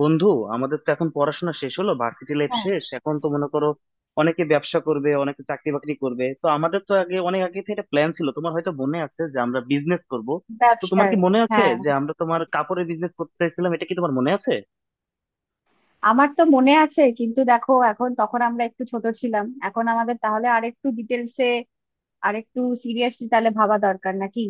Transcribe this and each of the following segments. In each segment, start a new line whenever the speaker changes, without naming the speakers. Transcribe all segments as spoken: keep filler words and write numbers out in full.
বন্ধু, আমাদের তো এখন পড়াশোনা শেষ হলো, ভার্সিটি লাইফ
হ্যাঁ।
শেষ। এখন তো মনে করো অনেকে ব্যবসা করবে, অনেকে চাকরি বাকরি করবে। তো আমাদের তো আগে, অনেক আগে থেকে একটা প্ল্যান ছিল, তোমার হয়তো মনে আছে যে আমরা বিজনেস করব। তো তোমার
ব্যবসায়।
কি মনে আছে
হ্যাঁ,
যে আমরা তোমার কাপড়ের বিজনেস করতেছিলাম, এটা কি তোমার মনে আছে?
আমার তো মনে আছে, কিন্তু দেখো, এখন তখন আমরা একটু ছোট ছিলাম। এখন আমাদের তাহলে আরেকটু ডিটেলসে, আরেকটু সিরিয়াসলি তাহলে ভাবা দরকার নাকি?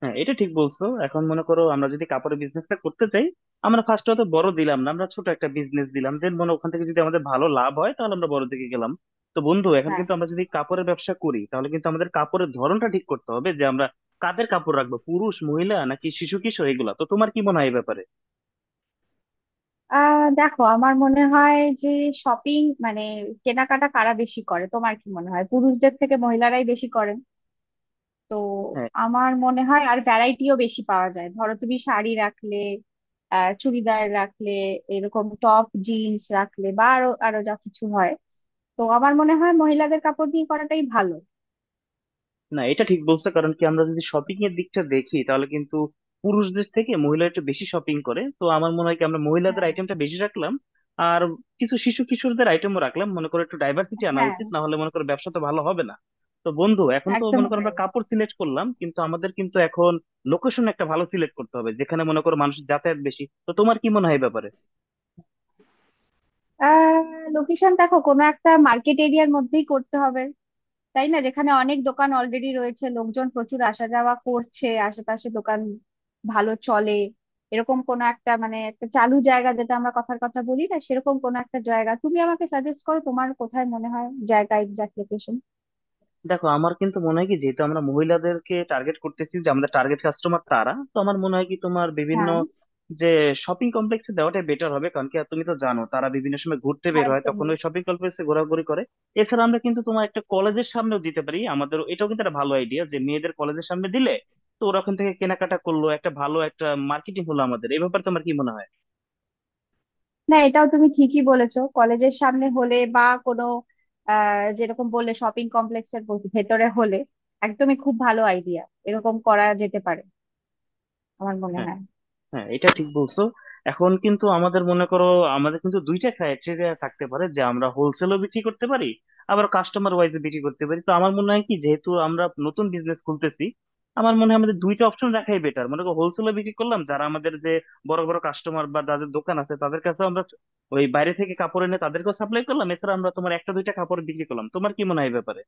হ্যাঁ, এটা ঠিক বলছো। এখন মনে করো আমরা যদি কাপড়ের বিজনেসটা করতে চাই, আমরা ফার্স্ট অত বড় দিলাম না, আমরা ছোট একটা বিজনেস দিলাম, দেন মনে ওখান থেকে যদি আমাদের ভালো লাভ হয় তাহলে আমরা বড় দিকে গেলাম। তো বন্ধু, এখন
হ্যাঁ।
কিন্তু আমরা যদি কাপড়ের ব্যবসা করি তাহলে কিন্তু আমাদের কাপড়ের ধরনটা ঠিক করতে হবে, যে আমরা কাদের কাপড় রাখবো, পুরুষ, মহিলা নাকি শিশু কিশোর, এগুলা তো। তোমার কি মনে হয় এই ব্যাপারে?
আহ দেখো, আমার মনে হয় যে শপিং মানে কেনাকাটা কারা বেশি করে? তোমার কি মনে হয়? পুরুষদের থেকে মহিলারাই বেশি করেন। তো আমার মনে হয় আর ভ্যারাইটিও বেশি পাওয়া যায়। ধরো তুমি শাড়ি রাখলে, আহ চুড়িদার রাখলে, এরকম টপ জিন্স রাখলে বা আরো আরো যা কিছু হয়, তো আমার মনে হয় মহিলাদের কাপড় দিয়ে করাটাই ভালো।
না, এটা ঠিক বলছো। কারণ কি, আমরা যদি শপিং এর দিকটা দেখি তাহলে কিন্তু পুরুষদের থেকে মহিলারা একটু বেশি শপিং করে। তো আমার মনে হয় কি, আমরা মহিলাদের
হ্যাঁ,
আইটেমটা বেশি রাখলাম, আর কিছু শিশু কিশোরদের আইটেমও রাখলাম, মনে করো একটু ডাইভার্সিটি আনা
হ্যাঁ,
উচিত, না হলে মনে করো ব্যবসা তো ভালো হবে না। তো বন্ধু, এখন তো মনে
একদমই
করো
তাই।
আমরা কাপড় সিলেক্ট করলাম, কিন্তু আমাদের কিন্তু এখন লোকেশন একটা ভালো সিলেক্ট করতে হবে, যেখানে মনে করো মানুষ যাতায়াত বেশি। তো তোমার কি মনে হয় এই ব্যাপারে?
আহ লোকেশন দেখো, কোনো একটা মার্কেট এরিয়ার মধ্যেই করতে হবে, তাই না? যেখানে অনেক দোকান অলরেডি রয়েছে, লোকজন প্রচুর আসা যাওয়া করছে, আশেপাশে দোকান ভালো চলে, এরকম কোনো একটা মানে একটা চালু জায়গা, যেটা আমরা কথার কথা বলি না, সেরকম কোনো একটা জায়গা তুমি আমাকে সাজেস্ট করো। তোমার কোথায় মনে হয় জায়গা, এক্সাক্ট লোকেশন?
দেখো, আমার কিন্তু মনে হয় কি, যেহেতু আমরা মহিলাদেরকে টার্গেট করতেছি, যে আমাদের টার্গেট কাস্টমার তারা, তো আমার মনে হয় কি তোমার বিভিন্ন
হ্যাঁ,
যে শপিং কমপ্লেক্সে দেওয়াটা বেটার হবে। কারণ কি, আর তুমি তো জানো তারা বিভিন্ন সময় ঘুরতে বের হয়,
একদম।
তখন ওই শপিং কমপ্লেক্সে ঘোরাঘুরি করে। এছাড়া আমরা কিন্তু তোমার একটা কলেজের সামনেও দিতে পারি আমাদের, এটাও কিন্তু একটা ভালো আইডিয়া যে মেয়েদের কলেজের সামনে দিলে তো ওরা ওখান থেকে কেনাকাটা করলো, একটা ভালো একটা মার্কেটিং হলো আমাদের। এই ব্যাপারে তোমার কি মনে হয়?
না, এটাও তুমি ঠিকই বলেছো, কলেজের সামনে হলে বা কোনো আহ যেরকম বললে শপিং কমপ্লেক্সের ভেতরে হলে, একদমই খুব ভালো আইডিয়া। এরকম করা যেতে পারে আমার মনে
হ্যাঁ।
হয়।
হ্যাঁ, এটা ঠিক বলছো। এখন কিন্তু আমাদের মনে করো, আমাদের কিন্তু দুইটা ক্রাইটেরিয়া থাকতে পারে, যে আমরা হোলসেলও বিক্রি করতে পারি, আবার কাস্টমার ওয়াইজে বিক্রি করতে পারি। তো আমার মনে হয় কি, যেহেতু আমরা নতুন বিজনেস খুলতেছি, আমার মনে হয় আমাদের দুইটা অপশন রাখাই বেটার। মনে করো হোলসেলও বিক্রি করলাম, যারা আমাদের যে বড় বড় কাস্টমার বা যাদের দোকান আছে তাদের কাছে আমরা ওই বাইরে থেকে কাপড় এনে তাদেরকেও সাপ্লাই করলাম, এছাড়া আমরা তোমার একটা দুইটা কাপড় বিক্রি করলাম। তোমার কি মনে হয় এই ব্যাপারে?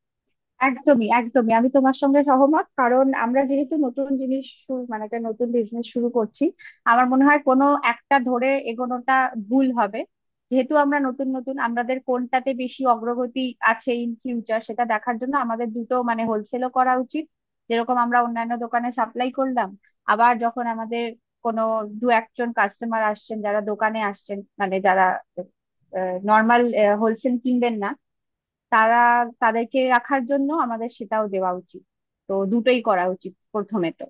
একদমই, একদমই, আমি তোমার সঙ্গে সহমত। কারণ আমরা যেহেতু নতুন জিনিস শুরু মানে একটা নতুন বিজনেস শুরু করছি, আমার মনে হয় কোনো একটা ধরে এগোনোটা ভুল হবে। যেহেতু আমরা নতুন নতুন, আমাদের কোনটাতে বেশি অগ্রগতি আছে ইন ফিউচার সেটা দেখার জন্য আমাদের দুটো মানে হোলসেলও করা উচিত, যেরকম আমরা অন্যান্য দোকানে সাপ্লাই করলাম। আবার যখন আমাদের কোনো দু একজন কাস্টমার আসছেন, যারা দোকানে আসছেন মানে যারা নর্মাল হোলসেল কিনবেন না, তারা, তাদেরকে রাখার জন্য আমাদের সেটাও দেওয়া উচিত। তো দুটোই করা উচিত প্রথমে তো,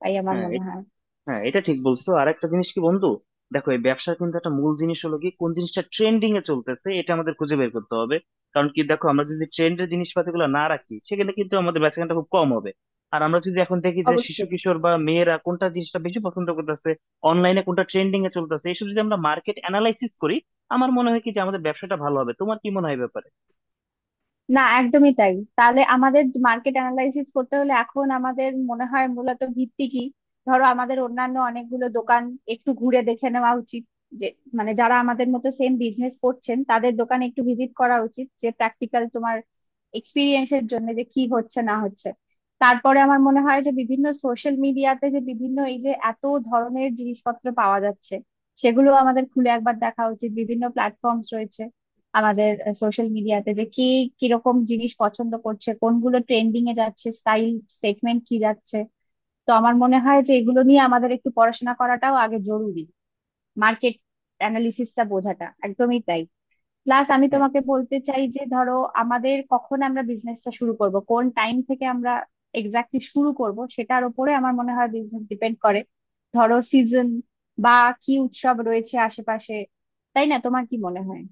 তাই আমার
হ্যাঁ।
মনে হয়।
হ্যাঁ, এটা ঠিক বলছো। আর একটা জিনিস কি বন্ধু, দেখো এই ব্যবসার কিন্তু একটা মূল জিনিস হলো কি, কোন জিনিসটা ট্রেন্ডিং এ চলতেছে এটা আমাদের খুঁজে বের করতে হবে। কারণ কি, দেখো আমরা যদি ট্রেন্ডের জিনিসপাতি গুলো না রাখি, সেখানে কিন্তু আমাদের বেচাকেনাটা খুব কম হবে। আর আমরা যদি এখন দেখি যে শিশু
অবশ্যই।
কিশোর বা মেয়েরা কোনটা জিনিসটা বেশি পছন্দ করতেছে, অনলাইনে কোনটা ট্রেন্ডিং এ চলতেছে, এইসব যদি আমরা মার্কেট অ্যানালাইসিস করি, আমার মনে হয় কি যে আমাদের ব্যবসাটা ভালো হবে। তোমার কি মনে হয় এই ব্যাপারে?
না, একদমই তাই। তাহলে আমাদের মার্কেট অ্যানালাইসিস করতে হলে এখন আমাদের মনে হয় মূলত ভিত্তি কি? ধরো, আমাদের অন্যান্য অনেকগুলো দোকান একটু ঘুরে দেখে নেওয়া উচিত, যে মানে যারা আমাদের মতো সেম বিজনেস করছেন তাদের দোকানে একটু ভিজিট করা উচিত, যে প্র্যাকটিক্যাল তোমার এক্সপিরিয়েন্সের জন্য, যে কি হচ্ছে না হচ্ছে। তারপরে আমার মনে হয় যে বিভিন্ন সোশ্যাল মিডিয়াতে যে বিভিন্ন এই যে এত ধরনের জিনিসপত্র পাওয়া যাচ্ছে, সেগুলো আমাদের খুলে একবার দেখা উচিত। বিভিন্ন প্ল্যাটফর্মস রয়েছে আমাদের সোশ্যাল মিডিয়াতে, যে কে কিরকম জিনিস পছন্দ করছে, কোনগুলো ট্রেন্ডিং এ যাচ্ছে, স্টাইল স্টেটমেন্ট কি যাচ্ছে। তো আমার মনে হয় যে এগুলো নিয়ে আমাদের একটু পড়াশোনা করাটাও আগে জরুরি, মার্কেট অ্যানালিসিসটা বোঝাটা, একদমই তাই। প্লাস আমি তোমাকে বলতে চাই যে ধরো আমাদের কখন আমরা বিজনেসটা শুরু করব, কোন টাইম থেকে আমরা এক্স্যাক্টলি শুরু করব, সেটার উপরে আমার মনে হয় বিজনেস ডিপেন্ড করে। ধরো সিজন বা কি উৎসব রয়েছে আশেপাশে, তাই না? তোমার কি মনে হয়?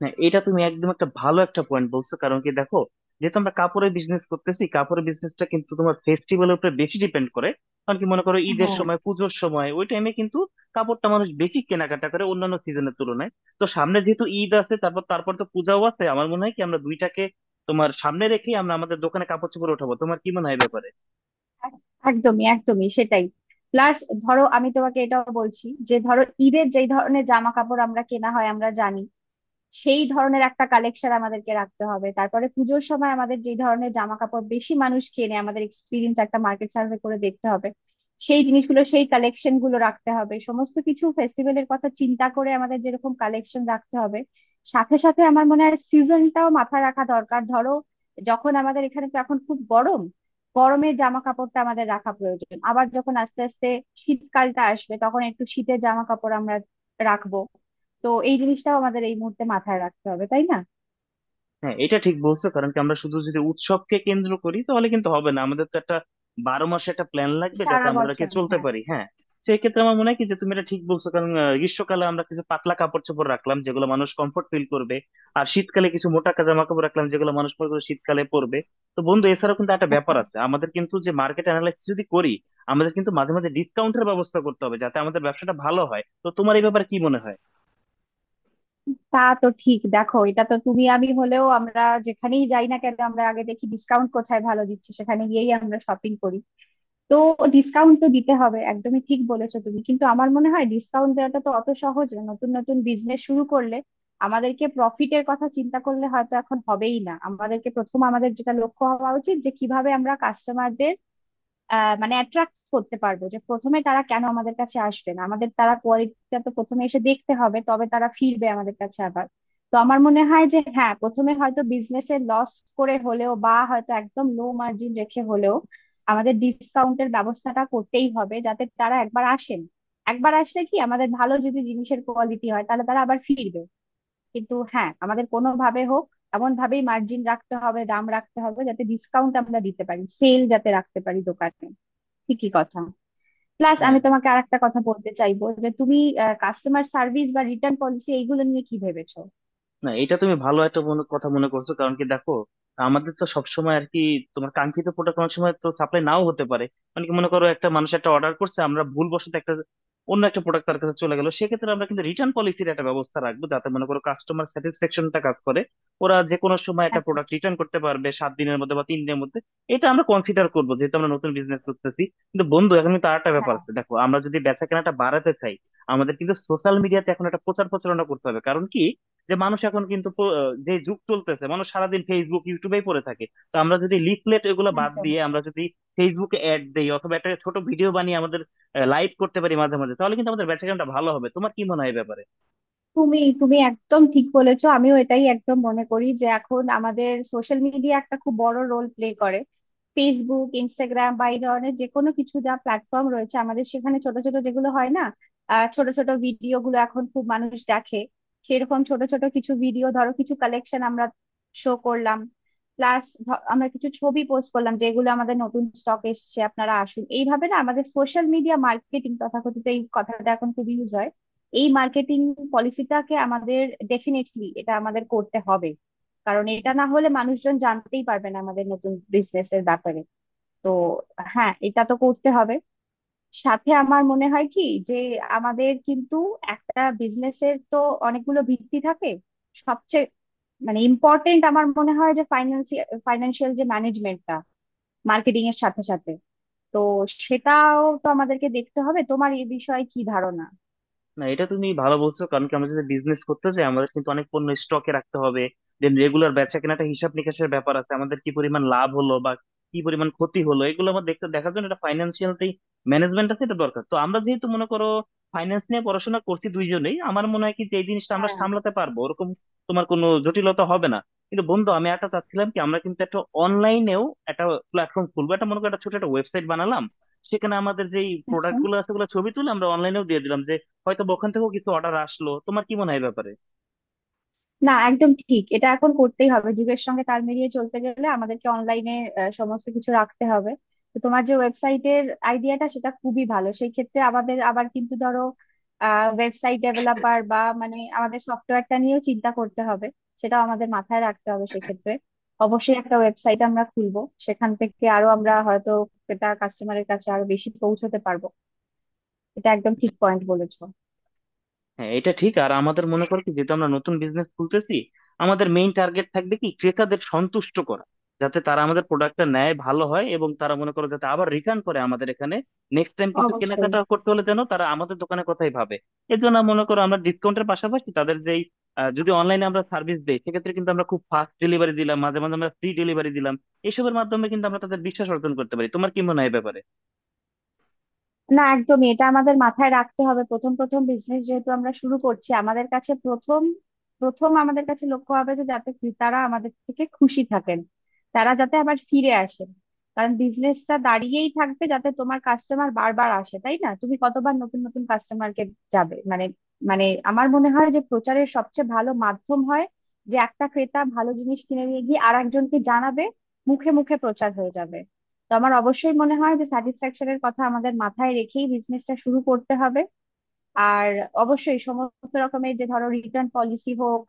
হ্যাঁ, এটা তুমি একদম একটা ভালো একটা পয়েন্ট বলছো। কারণ কি, দেখো যেহেতু আমরা কাপড়ের বিজনেস করতেছি, কাপড়ের বিজনেসটা কিন্তু তোমার ফেস্টিভ্যালের উপরে বেশি ডিপেন্ড করে। কারণ কি, মনে করো ঈদের
হ্যাঁ,
সময়, পুজোর সময়, ওই টাইমে কিন্তু কাপড়টা মানুষ বেশি কেনাকাটা করে অন্যান্য সিজনের তুলনায়। তো সামনে যেহেতু ঈদ আছে, তারপর তারপর তো পূজাও আছে, আমার মনে হয় কি আমরা দুইটাকে তোমার সামনে রেখে আমরা আমাদের দোকানে কাপড় চোপড় উঠাবো। তোমার কি মনে হয় এ ব্যাপারে?
এক- একদমই, একদমই সেটাই। প্লাস ধরো আমি তোমাকে এটাও বলছি যে ধরো ঈদের যেই ধরনের জামা কাপড় আমরা কেনা হয় আমরা জানি, সেই ধরনের একটা কালেকশন আমাদেরকে রাখতে হবে। তারপরে পুজোর সময় আমাদের যে ধরনের জামা কাপড় বেশি মানুষ কেনে, আমাদের এক্সপিরিয়েন্স একটা মার্কেট সার্ভে করে দেখতে হবে। সেই জিনিসগুলো, সেই কালেকশন গুলো রাখতে হবে। সমস্ত কিছু ফেস্টিভ্যালের কথা চিন্তা করে আমাদের যেরকম কালেকশন রাখতে হবে। সাথে সাথে আমার মনে হয় সিজনটাও মাথায় রাখা দরকার। ধরো যখন আমাদের এখানে তো এখন খুব গরম, গরমের জামা কাপড়টা আমাদের রাখা প্রয়োজন। আবার যখন আস্তে আস্তে শীতকালটা আসবে, তখন একটু শীতের জামা কাপড় আমরা রাখবো। তো এই জিনিসটাও আমাদের এই মুহূর্তে মাথায় রাখতে হবে, তাই না?
হ্যাঁ, এটা ঠিক বলছো। কারণ কি, আমরা শুধু যদি উৎসবকে কেন্দ্র করি তাহলে কিন্তু হবে না, আমাদের তো একটা বারো মাসে একটা প্ল্যান লাগবে যাতে
সারা
আমাদেরকে
বছর।
চলতে
হ্যাঁ।
পারি। হ্যাঁ, সেই ক্ষেত্রে আমার মনে হয় কি যে তুমি এটা ঠিক বলছো। কারণ আহ, গ্রীষ্মকালে আমরা কিছু পাতলা কাপড় চোপড় রাখলাম যেগুলো মানুষ কমফোর্ট ফিল করবে, আর শীতকালে কিছু মোটা জামা কাপড় রাখলাম যেগুলো মানুষ পরে করে শীতকালে পরবে। তো বন্ধু, এছাড়াও কিন্তু একটা ব্যাপার
একদম।
আছে, আমাদের কিন্তু যে মার্কেট অ্যানালাইসিস যদি করি, আমাদের কিন্তু মাঝে মাঝে ডিসকাউন্টের ব্যবস্থা করতে হবে যাতে আমাদের ব্যবসাটা ভালো হয়। তো তোমার এই ব্যাপারে কি মনে হয়?
তা তো ঠিক। দেখো এটা তো তুমি আমি হলেও, আমরা যেখানেই যাই না কেন, আমরা আগে দেখি ডিসকাউন্ট কোথায় ভালো দিচ্ছে, সেখানে গিয়েই আমরা শপিং করি। তো ডিসকাউন্ট তো দিতে হবে, একদমই ঠিক বলেছো তুমি। কিন্তু আমার মনে হয় ডিসকাউন্ট দেওয়াটা তো অত সহজ না নতুন নতুন বিজনেস শুরু করলে। আমাদেরকে প্রফিটের কথা চিন্তা করলে হয়তো এখন হবেই না। আমাদেরকে প্রথম, আমাদের যেটা লক্ষ্য হওয়া উচিত যে কিভাবে আমরা কাস্টমারদের আহ মানে অ্যাট্রাক্ট করতে পারবো, যে প্রথমে তারা কেন আমাদের কাছে আসবে? না, আমাদের তারা কোয়ালিটিটা তো প্রথমে এসে দেখতে হবে, তবে তারা ফিরবে আমাদের কাছে আবার। তো আমার মনে হয় যে হ্যাঁ, প্রথমে হয়তো বিজনেসে লস করে হলেও বা হয়তো একদম লো মার্জিন রেখে হলেও আমাদের ডিসকাউন্টের ব্যবস্থাটা করতেই হবে, যাতে তারা একবার আসেন। একবার আসলে কি, আমাদের ভালো যদি জিনিসের কোয়ালিটি হয় তাহলে তারা আবার ফিরবে। কিন্তু হ্যাঁ, আমাদের কোনোভাবে হোক এমন ভাবেই মার্জিন রাখতে হবে, দাম রাখতে হবে যাতে ডিসকাউন্ট আমরা দিতে পারি, সেল যাতে রাখতে পারি দোকানে। ঠিকই কথা। প্লাস
হ্যাঁ,
আমি তোমাকে আরেকটা কথা বলতে চাইবো যে তুমি কাস্টমার সার্ভিস বা রিটার্ন পলিসি এইগুলো নিয়ে কি ভেবেছো?
না এটা তুমি ভালো একটা মনে কথা মনে করছো। কারণ কি, দেখো আমাদের তো সবসময় আর কি, তোমার কাঙ্ক্ষিত প্রোডাক্ট অনেক সময় তো সাপ্লাই নাও হতে পারে। মানে কি, মনে করো একটা মানুষ একটা অর্ডার করছে, আমরা ভুলবশত একটা অন্য একটা প্রোডাক্ট তার কাছে চলে গেল, সেক্ষেত্রে আমরা কিন্তু রিটার্ন পলিসির একটা ব্যবস্থা রাখবো যাতে মনে করো কাস্টমার স্যাটিসফ্যাকশনটা কাজ করে। ওরা যে কোনো সময় একটা
একদম।
প্রোডাক্ট রিটার্ন করতে পারবে সাত দিনের মধ্যে বা তিন দিনের মধ্যে, এটা আমরা কনসিডার করবো, যেহেতু আমরা নতুন বিজনেস করতেছি। কিন্তু বন্ধু এখন কিন্তু আরেকটা ব্যাপার
হ্যাঁ।
আছে, দেখো আমরা যদি বেচা কেনাটা বাড়াতে চাই, আমাদের কিন্তু সোশ্যাল মিডিয়াতে এখন একটা প্রচার প্রচারণা করতে হবে। কারণ কি, যে মানুষ এখন কিন্তু প- যে যুগ চলতেছে, মানুষ সারাদিন ফেসবুক ইউটিউবেই পড়ে থাকে। তো আমরা যদি লিফলেট এগুলো বাদ
একদম।
দিয়ে আমরা যদি ফেসবুকে অ্যাড দেই, অথবা একটা ছোট ভিডিও বানিয়ে আমাদের লাইভ করতে পারি মাঝে মাঝে, তাহলে কিন্তু আমাদের বেচাকেনাটা ভালো হবে। তোমার কি মনে হয় এই ব্যাপারে?
তুমি তুমি একদম ঠিক বলেছো। আমিও এটাই একদম মনে করি যে এখন আমাদের সোশ্যাল মিডিয়া একটা খুব বড় রোল প্লে করে। ফেসবুক, ইনস্টাগ্রাম বা এই ধরনের যে কোনো কিছু যা প্ল্যাটফর্ম রয়েছে আমাদের, সেখানে ছোট ছোট যেগুলো হয় না, আহ, ছোট ছোট ভিডিও গুলো এখন খুব মানুষ দেখে। সেরকম ছোট ছোট কিছু ভিডিও ধরো কিছু কালেকশন আমরা শো করলাম। প্লাস আমরা কিছু ছবি পোস্ট করলাম যেগুলো আমাদের নতুন স্টক এসছে, আপনারা আসুন এইভাবে, না আমাদের সোশ্যাল মিডিয়া মার্কেটিং তথাকথিত এই কথাটা এখন খুব ইউজ হয়, এই মার্কেটিং পলিসিটাকে আমাদের ডেফিনেটলি এটা আমাদের করতে হবে। কারণ এটা না হলে মানুষজন জানতেই পারবে না আমাদের নতুন বিজনেস এর ব্যাপারে। তো হ্যাঁ, এটা তো করতে হবে। সাথে আমার মনে হয় কি যে আমাদের কিন্তু একটা বিজনেসের তো অনেকগুলো ভিত্তি থাকে। সবচেয়ে মানে ইম্পর্টেন্ট আমার মনে হয় যে ফাইন্যান্সিয়াল ফাইন্যান্সিয়াল যে ম্যানেজমেন্টটা, মার্কেটিং এর সাথে সাথে, তো সেটাও তো আমাদেরকে দেখতে হবে। তোমার এই বিষয়ে কি ধারণা?
না এটা তুমি ভালো বলছো। কারণ কি, আমরা যদি বিজনেস করতে চাই আমাদের কিন্তু অনেক পণ্য স্টকে রাখতে হবে, দেন রেগুলার বেচা কেনাটা হিসাব নিকাশের ব্যাপার আছে, আমাদের কি পরিমাণ লাভ হলো বা কি পরিমাণ ক্ষতি হলো এগুলো আমার দেখতে দেখার জন্য এটা ফাইন্যান্সিয়াল ম্যানেজমেন্ট আছে, এটা দরকার। তো আমরা যেহেতু মনে করো ফাইন্যান্স নিয়ে পড়াশোনা করছি দুইজনেই, আমার মনে হয় কি যে এই জিনিসটা আমরা
হ্যাঁ।
সামলাতে পারবো ওরকম তোমার কোনো জটিলতা হবে না। কিন্তু বন্ধু, আমি একটা চাচ্ছিলাম কি, আমরা কিন্তু একটা অনলাইনেও একটা প্ল্যাটফর্ম খুলবো। একটা মনে করো একটা ছোট একটা ওয়েবসাইট বানালাম, সেখানে আমাদের যেই
আচ্ছা।
প্রোডাক্ট গুলো আছে ওগুলো ছবি তুলে আমরা অনলাইনেও দিয়ে দিলাম, যে হয়তো বা ওখান থেকেও কিছু অর্ডার আসলো। তোমার কি মনে হয় এই ব্যাপারে?
না, একদম ঠিক, এটা এখন করতেই হবে। যুগের সঙ্গে তাল মিলিয়ে চলতে গেলে আমাদেরকে অনলাইনে সমস্ত কিছু রাখতে হবে। তো তোমার যে ওয়েবসাইটের আইডিয়াটা, সেটা খুবই ভালো। সেই ক্ষেত্রে আমাদের আবার কিন্তু ধরো ওয়েবসাইট ডেভেলপার বা মানে আমাদের সফটওয়্যারটা নিয়েও চিন্তা করতে হবে, সেটাও আমাদের মাথায় রাখতে হবে সেক্ষেত্রে। অবশ্যই একটা ওয়েবসাইট আমরা খুলবো, সেখান থেকে আরো আমরা হয়তো এটা কাস্টমারের কাছে আরো বেশি পৌঁছতে পারবো। এটা একদম ঠিক পয়েন্ট বলেছো।
হ্যাঁ, এটা ঠিক। আর আমাদের মনে করো কি যেহেতু আমরা নতুন বিজনেস খুলতেছি, আমাদের মেইন টার্গেট থাকবে কি ক্রেতাদের সন্তুষ্ট করা, যাতে তারা আমাদের প্রোডাক্টটা নেয় ভালো হয়, এবং তারা মনে করো যাতে আবার রিটার্ন করে আমাদের এখানে নেক্সট টাইম কিছু
অবশ্যই।
কেনাকাটা করতে হলে যেন তারা আমাদের দোকানের কথাই ভাবে। এর জন্য মনে করো আমরা ডিসকাউন্টের পাশাপাশি তাদের যেই আহ, যদি অনলাইনে আমরা সার্ভিস দেই সেক্ষেত্রে কিন্তু আমরা খুব ফাস্ট ডেলিভারি দিলাম, মাঝে মাঝে আমরা ফ্রি ডেলিভারি দিলাম, এসবের মাধ্যমে কিন্তু আমরা তাদের বিশ্বাস অর্জন করতে পারি। তোমার কি মনে হয় এই ব্যাপারে?
না, একদমই, এটা আমাদের মাথায় রাখতে হবে। প্রথম প্রথম বিজনেস যেহেতু আমরা শুরু করছি, আমাদের কাছে প্রথম প্রথম আমাদের কাছে লক্ষ্য হবে যে যাতে ক্রেতারা আমাদের থেকে খুশি থাকেন, তারা যাতে আবার ফিরে আসেন। কারণ বিজনেসটা দাঁড়িয়েই থাকবে যাতে তোমার কাস্টমার বারবার আসে, তাই না? তুমি কতবার নতুন নতুন কাস্টমারকে যাবে, মানে মানে আমার মনে হয় যে প্রচারের সবচেয়ে ভালো মাধ্যম হয় যে একটা ক্রেতা ভালো জিনিস কিনে নিয়ে গিয়ে আর একজনকে জানাবে, মুখে মুখে প্রচার হয়ে যাবে। তো আমার অবশ্যই মনে হয় যে স্যাটিসফ্যাকশনের কথা আমাদের মাথায় রেখেই বিজনেসটা শুরু করতে হবে। আর অবশ্যই সমস্ত রকমের যে ধরো রিটার্ন পলিসি হোক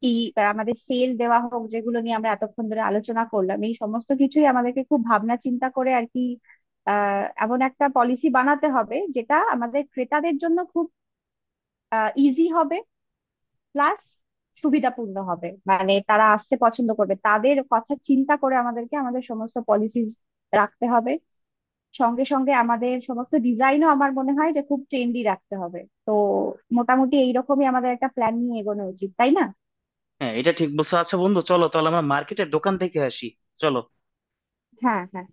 কি বা আমাদের সেল দেওয়া হোক, যেগুলো নিয়ে আমরা এতক্ষণ ধরে আলোচনা করলাম, এই সমস্ত কিছুই আমাদেরকে খুব ভাবনা চিন্তা করে আর কি আহ এমন একটা পলিসি বানাতে হবে যেটা আমাদের ক্রেতাদের জন্য খুব ইজি হবে। প্লাস সুবিধাপূর্ণ হবে, মানে তারা আসতে পছন্দ করবে। তাদের কথা চিন্তা করে আমাদেরকে আমাদের সমস্ত পলিসিস রাখতে হবে। সঙ্গে সঙ্গে আমাদের সমস্ত ডিজাইনও আমার মনে হয় যে খুব ট্রেন্ডি রাখতে হবে। তো মোটামুটি এইরকমই আমাদের একটা প্ল্যান নিয়ে এগোনো উচিত, তাই না?
হ্যাঁ, এটা ঠিক বলছো। আচ্ছা বন্ধু, চলো তাহলে আমরা মার্কেটের দোকান থেকে আসি। চলো।
হ্যাঁ, হ্যাঁ।